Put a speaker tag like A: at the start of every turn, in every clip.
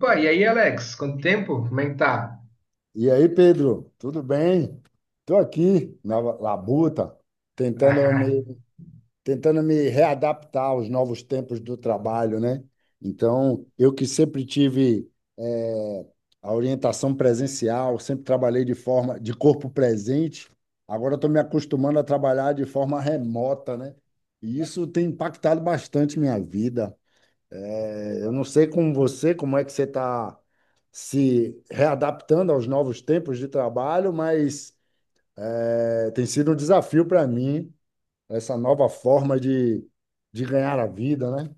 A: Pô, e aí, Alex, quanto tempo? Como é que tá?
B: E aí, Pedro, tudo bem? Estou aqui na labuta, tentando me, tentando me readaptar aos novos tempos do trabalho, né? Então, eu que sempre tive eh, a orientação presencial, sempre trabalhei de forma de corpo presente, agora estou me acostumando a trabalhar de forma remota, né? E isso tem impactado bastante minha vida. É, eu não sei com você, como é que você está se readaptando aos novos tempos de trabalho, mas tem sido um desafio para mim essa nova forma de ganhar a vida, né?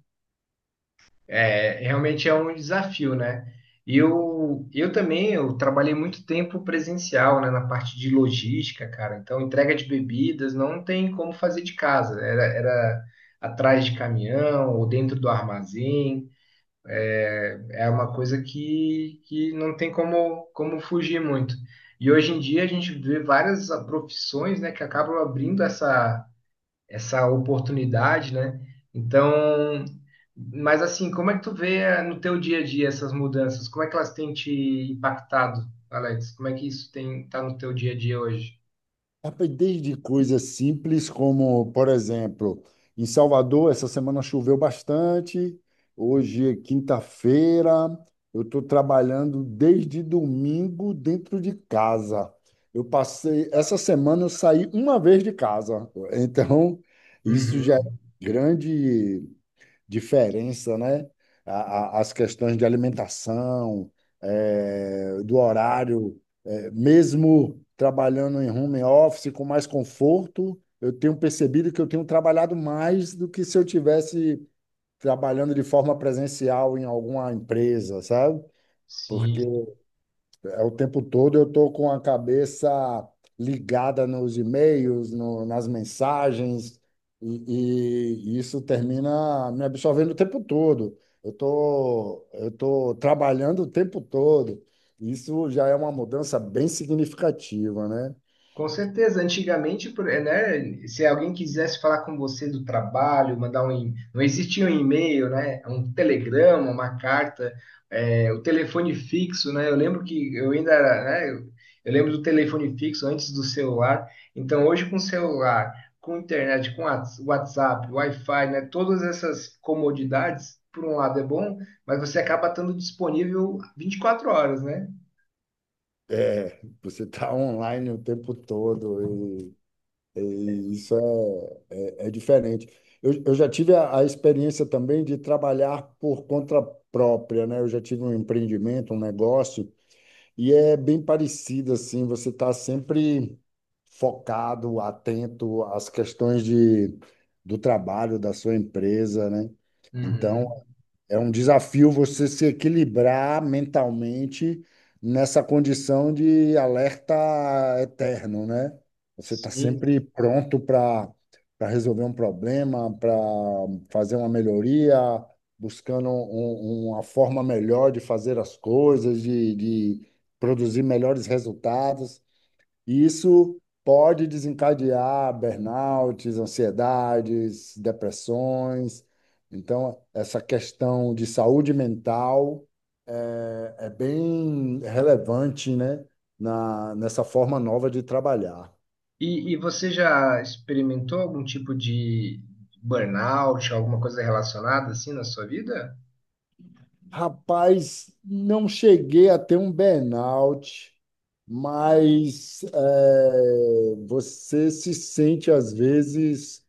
A: É, realmente é um desafio, né? Eu também, eu trabalhei muito tempo presencial, né, na parte de logística, cara. Então, entrega de bebidas não tem como fazer de casa. Era atrás de caminhão ou dentro do armazém. É uma coisa que não tem como fugir muito. E hoje em dia a gente vê várias profissões, né, que acabam abrindo essa oportunidade, né? Então, mas assim, como é que tu vê no teu dia a dia essas mudanças? Como é que elas têm te impactado, Alex? Como é que isso tem tá no teu dia a dia hoje?
B: Rapaz, desde coisas simples como, por exemplo, em Salvador, essa semana choveu bastante, hoje é quinta-feira, eu estou trabalhando desde domingo dentro de casa. Essa semana eu saí uma vez de casa, então isso já é
A: Uhum.
B: grande, diferença, né? As questões de alimentação, do horário, mesmo trabalhando em home office com mais conforto, eu tenho percebido que eu tenho trabalhado mais do que se eu tivesse trabalhando de forma presencial em alguma empresa, sabe? Porque
A: Sim.
B: o tempo todo eu estou com a cabeça ligada nos e-mails, nas mensagens, e isso termina me absorvendo o tempo todo. Eu tô trabalhando o tempo todo. Isso já é uma mudança bem significativa, né?
A: Com certeza, antigamente, né, se alguém quisesse falar com você do trabalho, não existia um e-mail, né, um telegrama, uma carta, o telefone fixo, né, eu lembro que eu ainda era, né, eu lembro do telefone fixo antes do celular, então hoje com celular, com internet, com WhatsApp, Wi-Fi, né, todas essas comodidades, por um lado é bom, mas você acaba estando disponível 24 horas, né?
B: É, você está online o tempo todo, e isso é. É diferente. Eu já tive a experiência também de trabalhar por conta própria, né? Eu já tive um empreendimento, um negócio, e é bem parecido assim, você está sempre focado, atento às questões do trabalho da sua empresa, né? Então,
A: Uhum.
B: é um desafio você se equilibrar mentalmente nessa condição de alerta eterno, né? Você está
A: Sim.
B: sempre pronto para resolver um problema, para fazer uma melhoria, buscando uma forma melhor de fazer as coisas, de produzir melhores resultados. E isso pode desencadear burnouts, ansiedades, depressões. Então, essa questão de saúde mental é bem relevante, né? Nessa forma nova de trabalhar.
A: E você já experimentou algum tipo de burnout, alguma coisa relacionada assim na sua vida?
B: Rapaz, não cheguei a ter um burnout, mas é, você se sente às vezes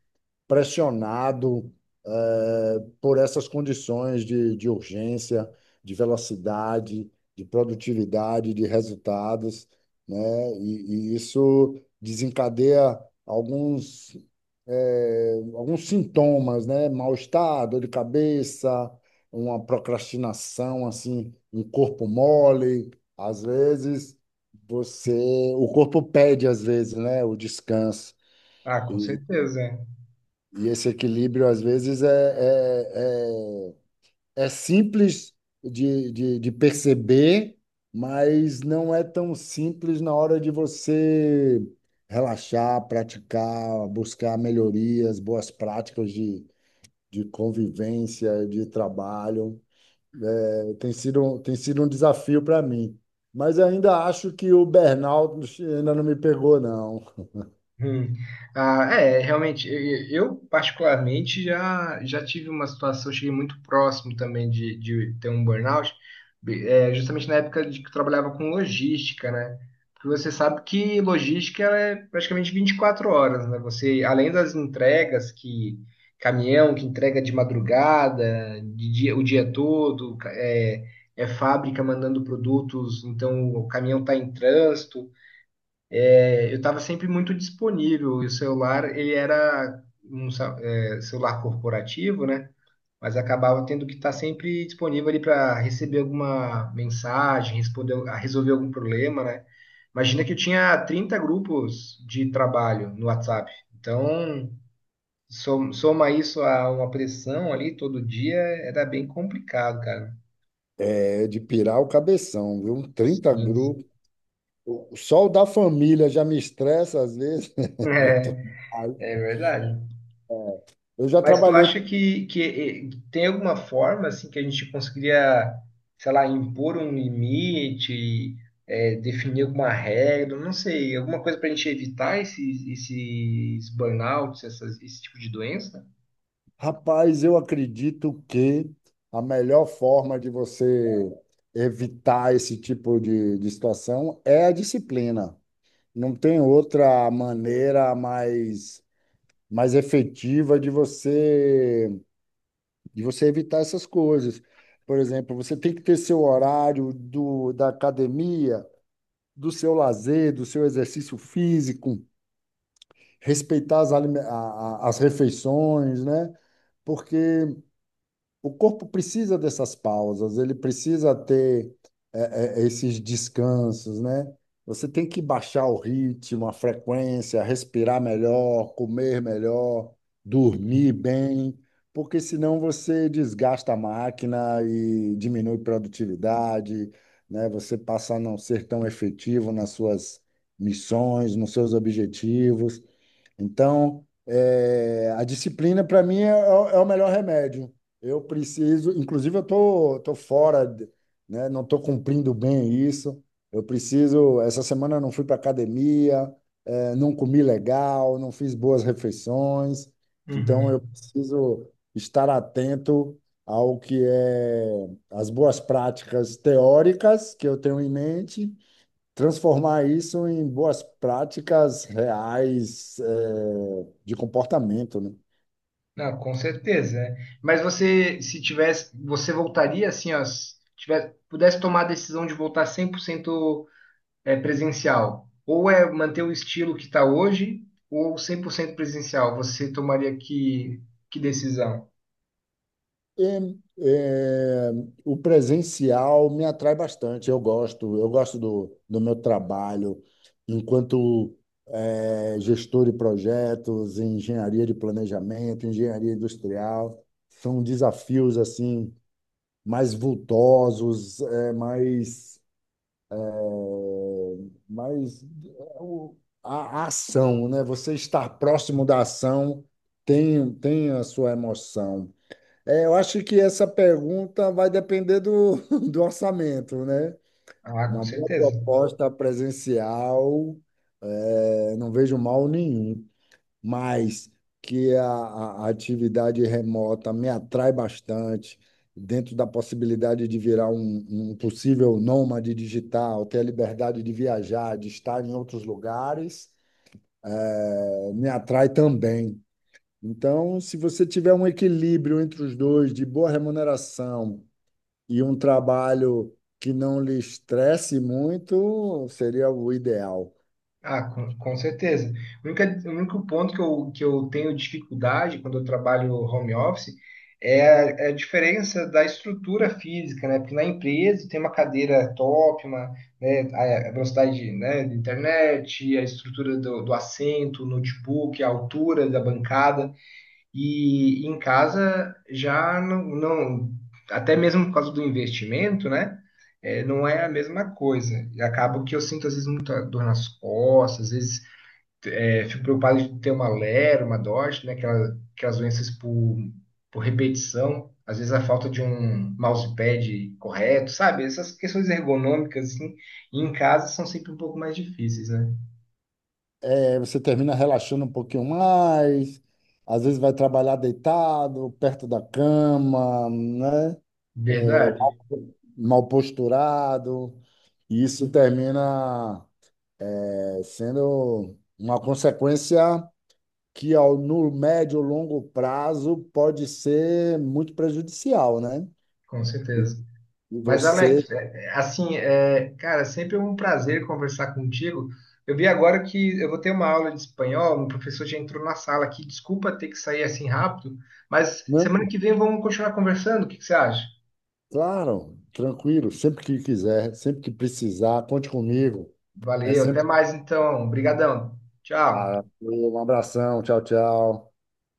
B: pressionado por essas condições de urgência, de velocidade, de produtividade, de resultados, né? E isso desencadeia alguns, alguns sintomas, né? Mal-estar, dor de cabeça, uma procrastinação, assim, um corpo mole, às vezes. Você, o corpo pede às vezes, né, o descanso.
A: Ah, com
B: E
A: certeza.
B: e esse equilíbrio, às vezes, é simples de perceber, mas não é tão simples na hora de você relaxar, praticar, buscar melhorias, boas práticas de convivência, de trabalho. É, tem sido um desafio para mim. Mas ainda acho que o burnout ainda não me pegou, não.
A: Hum. Ah, é, realmente, eu particularmente já tive uma situação, cheguei muito próximo também de ter um burnout, justamente na época de que eu trabalhava com logística, né? Porque você sabe que logística ela é praticamente 24 horas, né? Você, além das entregas que caminhão que entrega de madrugada, de dia, o dia todo, é fábrica mandando produtos, então o caminhão está em trânsito. É, eu estava sempre muito disponível. E o celular, ele era um celular corporativo, né? Mas acabava tendo que estar sempre disponível ali para receber alguma mensagem, responder, a resolver algum problema, né? Imagina que eu tinha 30 grupos de trabalho no WhatsApp. Então, soma isso a uma pressão ali todo dia, era bem complicado, cara.
B: É de pirar o cabeção, viu? Um trinta
A: Sim.
B: grupos o sol da família já me estressa às vezes.
A: É, é verdade.
B: Eu já
A: Mas tu
B: trabalhei.
A: acha que tem alguma forma assim que a gente conseguiria, sei lá, impor um limite, definir alguma regra, não sei, alguma coisa para a gente evitar esses burnouts, esse tipo de doença?
B: Rapaz, eu acredito que a melhor forma de você evitar esse tipo de situação é a disciplina. Não tem outra maneira mais efetiva de você evitar essas coisas. Por exemplo, você tem que ter seu horário da academia, do seu lazer, do seu exercício físico. Respeitar as, alime- a- as refeições, né? Porque o corpo precisa dessas pausas, ele precisa ter esses descansos, né? Você tem que baixar o ritmo, a frequência, respirar melhor, comer melhor, dormir bem, porque senão você desgasta a máquina e diminui produtividade, né? Você passa a não ser tão efetivo nas suas missões, nos seus objetivos. Então, é, a disciplina para mim é o melhor remédio. Eu preciso, inclusive tô fora. Né? Não estou cumprindo bem isso. Eu preciso. Essa semana eu não fui para academia, é, não comi legal, não fiz boas refeições. Então eu
A: Uhum.
B: preciso estar atento ao que é as boas práticas teóricas que eu tenho em mente transformar isso em boas práticas reais, de comportamento, né?
A: Não, com certeza, né? Mas você, se tivesse, você voltaria assim, ó, se tivesse, pudesse tomar a decisão de voltar 100% presencial, ou é manter o estilo que está hoje, ou 100% presencial, você tomaria que decisão?
B: E, eh, o presencial me atrai bastante. Eu gosto do meu trabalho enquanto gestor de projetos, em engenharia de planejamento, engenharia industrial. São desafios assim mais vultosos, eh, mais Mas é, o- a ação, né? Você estar próximo da ação tem a sua emoção. É, eu acho que essa pergunta vai depender do orçamento, né?
A: Ah, com
B: Uma boa
A: certeza.
B: proposta presencial, é, não vejo mal nenhum mas que a atividade remota me atrai bastante, dentro da possibilidade de virar um possível nômade digital, ter a liberdade de viajar, de estar em outros lugares, me atrai também. Então, se você tiver um equilíbrio entre os dois, de boa remuneração e um trabalho que não lhe estresse muito, seria o ideal.
A: Ah, com certeza. O único ponto que eu tenho dificuldade quando eu trabalho home office é a diferença da estrutura física, né? Porque na empresa tem uma cadeira top, uma, né, a velocidade, né, da internet, a estrutura do assento, o notebook, a altura da bancada. E em casa já não até mesmo por causa do investimento, né? Não é a mesma coisa. E acaba que eu sinto às vezes muita dor nas costas, às vezes fico preocupado de ter uma lera, uma dorte, né? Aquelas doenças por repetição, às vezes a falta de um mousepad correto, sabe? Essas questões ergonômicas, assim, em casa são sempre um pouco mais difíceis, né?
B: Aí você termina relaxando um pouquinho mais, às vezes vai trabalhar deitado, perto da cama, né?
A: Verdade,
B: Mal posturado, e isso termina sendo uma consequência que ao, no médio e longo prazo pode ser muito prejudicial, né?
A: com certeza.
B: E
A: Mas,
B: você,
A: Alex, assim, cara, sempre é um prazer conversar contigo. Eu vi agora que eu vou ter uma aula de espanhol, um professor já entrou na sala aqui. Desculpa ter que sair assim rápido, mas
B: não,
A: semana que vem vamos continuar conversando. O que que você acha?
B: claro, tranquilo, sempre que quiser, sempre que precisar, conte comigo. É
A: Valeu, até
B: sempre.
A: mais então. Obrigadão. Tchau.
B: Ah, um abração, tchau, tchau.